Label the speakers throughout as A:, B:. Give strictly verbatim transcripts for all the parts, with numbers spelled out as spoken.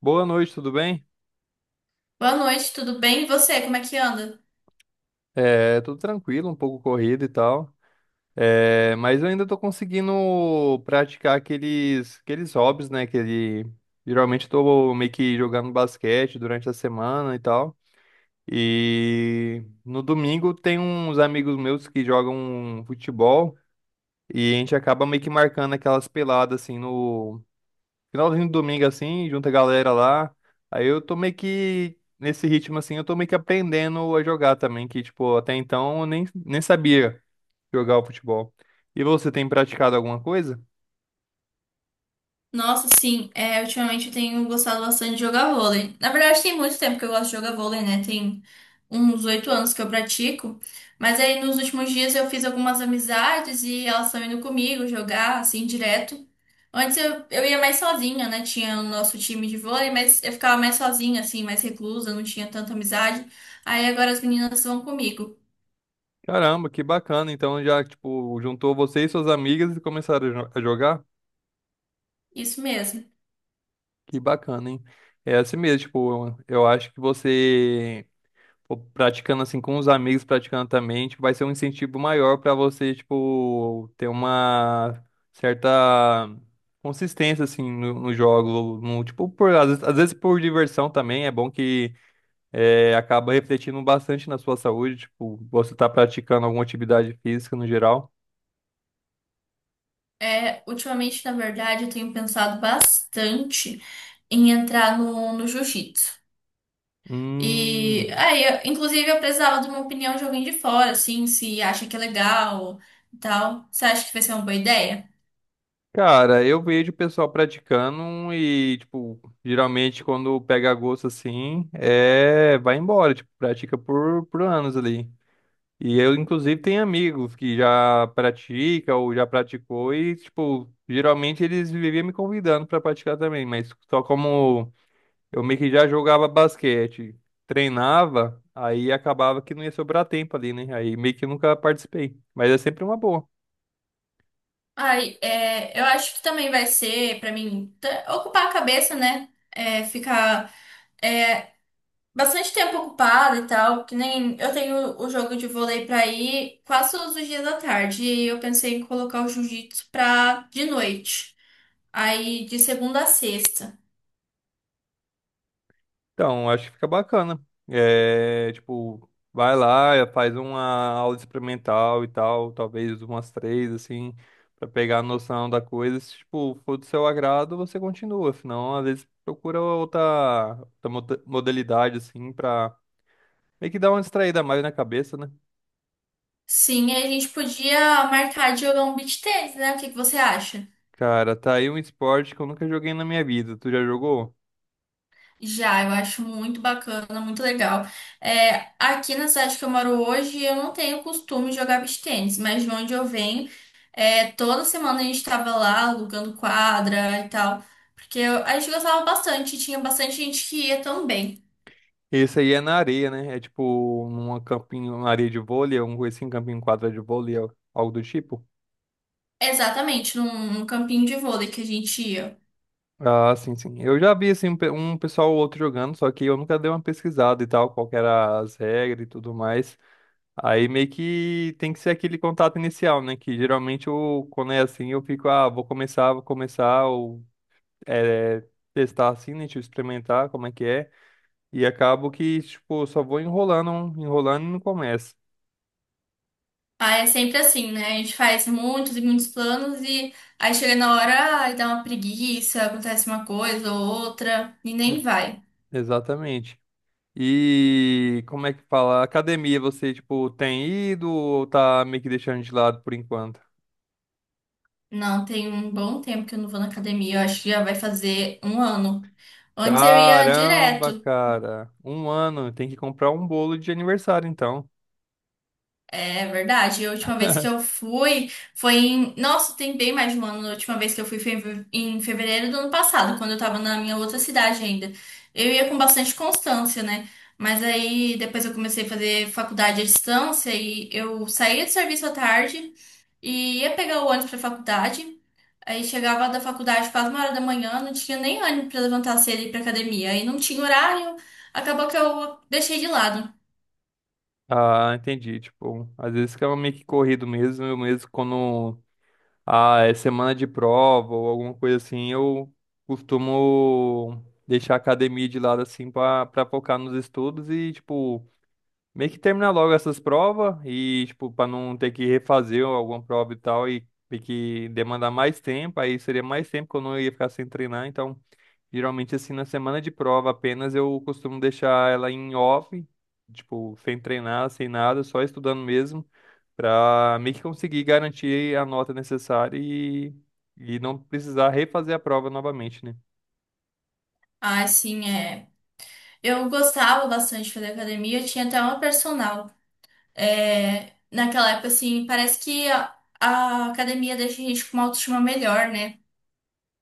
A: Boa noite, tudo bem?
B: Boa noite, tudo bem? E você, como é que anda?
A: É, tudo tranquilo, um pouco corrido e tal. É, mas eu ainda tô conseguindo praticar aqueles, aqueles hobbies, né? Que geralmente tô meio que jogando basquete durante a semana e tal. E no domingo tem uns amigos meus que jogam futebol e a gente acaba meio que marcando aquelas peladas assim no finalzinho do domingo, assim, junta a galera lá. Aí eu tô meio que, nesse ritmo, assim, eu tô meio que aprendendo a jogar também, que, tipo, até então eu nem, nem sabia jogar o futebol. E você tem praticado alguma coisa?
B: Nossa, sim, é, ultimamente eu tenho gostado bastante de jogar vôlei. Na verdade, tem muito tempo que eu gosto de jogar vôlei, né? Tem uns oito anos que eu pratico. Mas aí nos últimos dias eu fiz algumas amizades e elas estão indo comigo jogar, assim, direto. Antes eu, eu ia mais sozinha, né? Tinha o nosso time de vôlei, mas eu ficava mais sozinha, assim, mais reclusa, não tinha tanta amizade. Aí agora as meninas vão comigo.
A: Caramba, que bacana. Então já, tipo, juntou você e suas amigas e começaram a jo- a jogar?
B: Isso mesmo.
A: Que bacana, hein? É assim mesmo, tipo, eu acho que você. Pô, praticando assim com os amigos, praticando também, tipo, vai ser um incentivo maior pra você, tipo, ter uma certa consistência assim no, no jogo, no, tipo, por, às vezes, às vezes por diversão também, é bom que é, acaba refletindo bastante na sua saúde, tipo, você tá praticando alguma atividade física no geral.
B: É, ultimamente, na verdade, eu tenho pensado bastante em entrar no, no jiu-jitsu. E
A: Hum,
B: aí, eu- inclusive, eu precisava de uma opinião de alguém de fora, assim, se acha que é legal e tal. Você acha que vai ser uma boa ideia?
A: Cara, eu vejo o pessoal praticando e, tipo, geralmente quando pega gosto assim, é, vai embora, tipo, pratica por, por anos ali. E eu, inclusive, tenho amigos que já pratica ou já praticou e, tipo, geralmente eles viviam me convidando para praticar também, mas só como eu meio que já jogava basquete, treinava, aí acabava que não ia sobrar tempo ali, né? Aí meio que nunca participei, mas é sempre uma boa.
B: Ai, é, eu acho que também vai ser, pra mim, t- ocupar a cabeça, né? É, ficar é, bastante tempo ocupada e tal, que nem eu tenho o jogo de vôlei pra ir quase todos os dias da tarde, e eu pensei em colocar o jiu-jitsu pra de noite. Aí de segunda a sexta.
A: Então, acho que fica bacana. É, tipo, vai lá, faz uma aula experimental e tal, talvez umas três, assim, pra pegar a noção da coisa. Se, tipo, for do seu agrado, você continua. Senão, às vezes, procura outra, outra moda- modalidade, assim, pra meio que dar uma distraída mais na cabeça, né?
B: Sim, aí a gente podia marcar de jogar um beach tennis, né? O que que você acha?
A: Cara, tá aí um esporte que eu nunca joguei na minha vida. Tu já jogou?
B: Já, eu acho muito bacana, muito legal. É, aqui na cidade que eu moro hoje, eu não tenho costume de jogar beach tennis, mas de onde eu venho, é, toda semana a gente estava lá alugando quadra e tal, porque eu- a gente gostava bastante, tinha bastante gente que ia também.
A: Esse aí é na areia, né? É tipo numa campinho, uma areia de vôlei, um assim, campinho quadrado de vôlei, algo do tipo.
B: Exatamente, num, num campinho de vôlei que a gente ia.
A: Ah, sim, sim. Eu já vi assim um pe- um pessoal ou outro jogando, só que eu nunca dei uma pesquisada e tal, qual que era as regras e tudo mais. Aí meio que tem que ser aquele contato inicial, né? Que geralmente eu, quando é assim, eu fico, ah, vou começar, vou começar, ou é, testar assim, né? Tipo, experimentar como é que é. E acabo que, tipo, só vou enrolando, enrolando e não começo.
B: Ah, é sempre assim, né? A gente faz muitos e muitos planos e aí chega na hora ai, dá uma preguiça, acontece uma coisa ou outra e
A: Né?
B: nem vai.
A: Exatamente. E como é que fala? Academia, você, tipo, tem ido ou tá meio que deixando de lado por enquanto?
B: Não, tem um bom tempo que eu não vou na academia, eu acho que já vai fazer um ano. Antes eu ia
A: Caramba,
B: direto.
A: cara. Um ano, tem que comprar um bolo de aniversário, então.
B: É verdade. E a última vez que eu fui foi em. Nossa, tem bem mais de um ano. A última vez que eu fui foi em fe- em fevereiro do ano passado, quando eu tava na minha outra cidade ainda. Eu ia com bastante constância, né? Mas aí depois eu comecei a fazer faculdade à distância e eu saía do serviço à tarde e ia pegar o ônibus pra faculdade. Aí chegava da faculdade quase uma hora da manhã, não tinha nem ânimo pra levantar cedo e ir pra academia. Aí não tinha horário, acabou que eu deixei de lado.
A: Ah, entendi. Tipo, às vezes fica meio que corrido mesmo, eu mesmo quando ah, é semana de prova ou alguma coisa assim, eu costumo deixar a academia de lado assim pra, pra focar nos estudos e, tipo, meio que terminar logo essas provas e, tipo, pra não ter que refazer alguma prova e tal e ter que demandar mais tempo, aí seria mais tempo que eu não ia ficar sem treinar, então. Geralmente, assim, na semana de prova apenas eu costumo deixar ela em off, tipo, sem treinar, sem nada, só estudando mesmo, pra meio que conseguir garantir a nota necessária e, e não precisar refazer a prova novamente, né?
B: Ah, sim, é. Eu gostava bastante de fazer academia, eu tinha até uma personal. É, naquela época, assim, parece que a, a academia deixa a gente com uma autoestima melhor, né?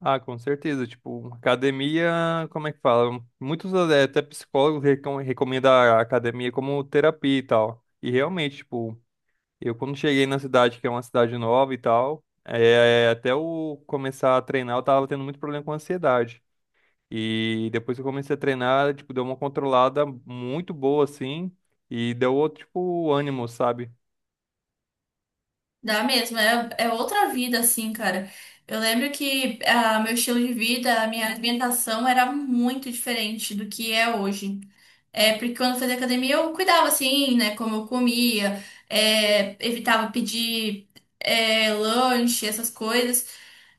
A: Ah, com certeza. Tipo, academia, como é que fala? Muitos eh, até psicólogos recom recomendam a academia como terapia e tal. E realmente, tipo, eu, quando cheguei na cidade, que é uma cidade nova e tal, é, até eu começar a treinar, eu tava tendo muito problema com ansiedade. E depois que eu comecei a treinar, tipo, deu uma controlada muito boa, assim, e deu outro, tipo, ânimo, sabe?
B: Dá mesmo, é, é outra vida, assim, cara. Eu lembro que ah, meu estilo de vida, a minha alimentação era muito diferente do que é hoje. É, porque quando eu fazia academia eu cuidava assim, né? Como eu comia, é, evitava pedir é, lanche, essas coisas.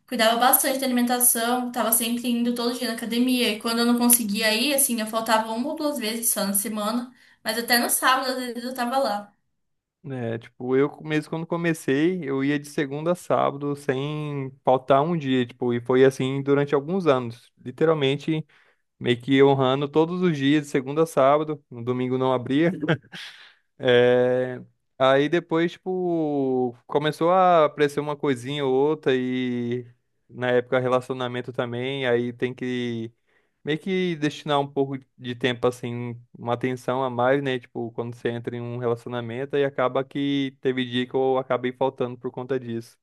B: Cuidava bastante da alimentação, tava sempre indo todo dia na academia. E quando eu não conseguia ir, assim, eu faltava uma ou duas vezes só na semana. Mas até no sábado, às vezes, eu tava lá.
A: É, tipo, eu mesmo quando comecei, eu ia de segunda a sábado sem faltar um dia, tipo, e foi assim durante alguns anos. Literalmente, meio que honrando todos os dias, de segunda a sábado, no domingo não abria. É, aí depois, tipo, começou a aparecer uma coisinha ou outra e na época relacionamento também, aí tem que meio que destinar um pouco de tempo, assim, uma atenção a mais, né? Tipo, quando você entra em um relacionamento e acaba que teve dia que eu acabei faltando por conta disso.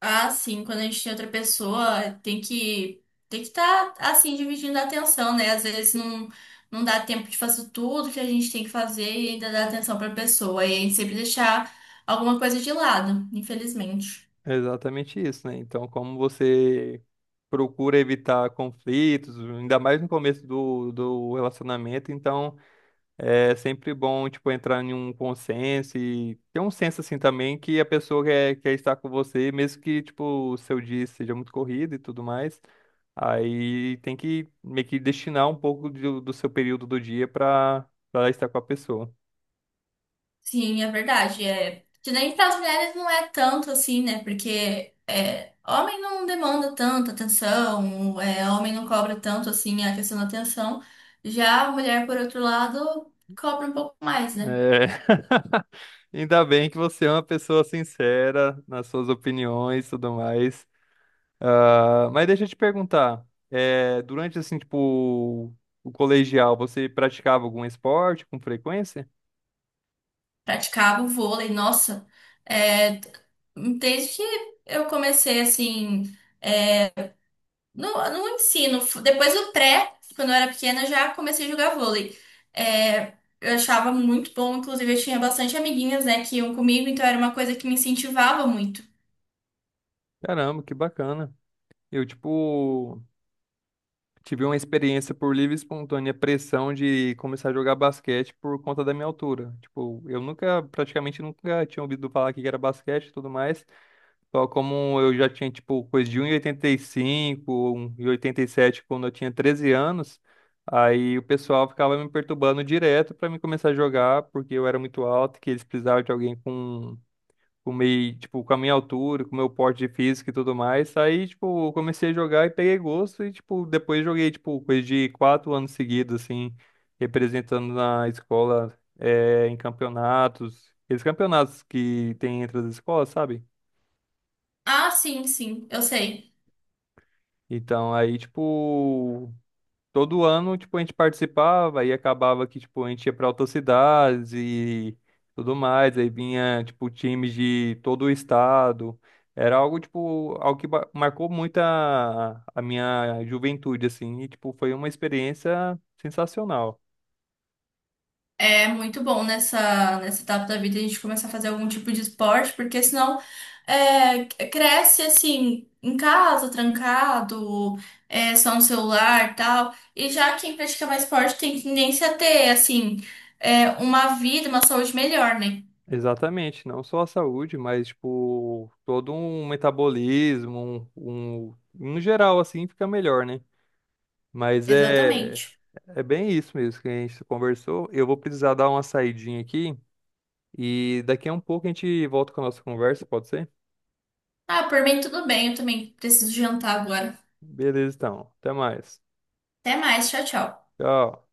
B: Ah, sim, quando a gente tem outra pessoa, tem que tem que estar assim dividindo a atenção, né? Às vezes não não dá tempo de fazer tudo que a gente tem que fazer e ainda dar atenção para a pessoa, e a gente sempre deixar alguma coisa de lado, infelizmente.
A: É exatamente isso, né? Então, como você procura evitar conflitos, ainda mais no começo do, do relacionamento, então. É sempre bom, tipo, entrar em um consenso e ter um senso, assim, também que a pessoa quer, quer estar com você, mesmo que, tipo, o seu dia seja muito corrido e tudo mais. Aí tem que meio que destinar um pouco do, do seu período do dia para para estar com a pessoa.
B: Sim, é verdade, é. Que nem para as mulheres não é tanto assim, né? Porque é, homem não demanda tanta atenção, é, homem não cobra tanto assim a questão da atenção. Já a mulher, por outro lado, cobra um pouco mais, né?
A: É... Ainda bem que você é uma pessoa sincera nas suas opiniões e tudo mais. Ah, mas deixa eu te perguntar, eh, durante assim, tipo, o colegial, você praticava algum esporte com frequência?
B: Praticava o vôlei, nossa, é, desde que eu comecei assim, no, no ensino, f- depois do pré, quando eu era pequena, eu já comecei a jogar vôlei. É, eu achava muito bom, inclusive eu tinha bastante amiguinhas, né, que iam comigo, então era uma coisa que me incentivava muito.
A: Caramba, que bacana. Eu, tipo, tive uma experiência por livre e espontânea pressão de começar a jogar basquete por conta da minha altura. Tipo, eu nunca, praticamente nunca tinha ouvido falar que era basquete e tudo mais. Só como eu já tinha, tipo, coisa de um um e oitenta e cinco, um e oitenta oitenta cinco e sete quando eu tinha treze anos, aí o pessoal ficava me perturbando direto pra mim começar a jogar, porque eu era muito alto, que eles precisavam de alguém com, com meio, tipo, com a minha altura, com o meu porte de físico e tudo mais. Aí, tipo, eu comecei a jogar e peguei gosto e, tipo, depois joguei, tipo, coisa de quatro anos seguidos, assim, representando na escola, eh, em campeonatos. Esses campeonatos que tem entre as escolas, sabe?
B: Ah, sim, sim, eu sei.
A: Então, aí, tipo, todo ano, tipo, a gente participava e acabava que, tipo, a gente ia pra outras cidades e tudo mais. Aí vinha, tipo, times de todo o estado. Era algo, tipo, algo que ba- marcou muito a, a minha juventude, assim. E, tipo, foi uma experiência sensacional.
B: É muito bom nessa, nessa etapa da vida a gente começar a fazer algum tipo de esporte, porque senão é, cresce assim, em casa, trancado, é, só no celular e tal. E já quem pratica mais esporte tem tendência a ter, assim, é, uma vida, uma saúde melhor, né?
A: Exatamente, não só a saúde, mas, tipo, todo um metabolismo, um, um, em geral, assim, fica melhor, né? Mas é,
B: Exatamente.
A: é bem isso mesmo que a gente conversou. Eu vou precisar dar uma saidinha aqui e daqui a um pouco a gente volta com a nossa conversa, pode ser?
B: Ah, por mim tudo bem, eu também preciso jantar agora.
A: Beleza, então. Até mais.
B: Até mais, tchau, tchau.
A: Tchau.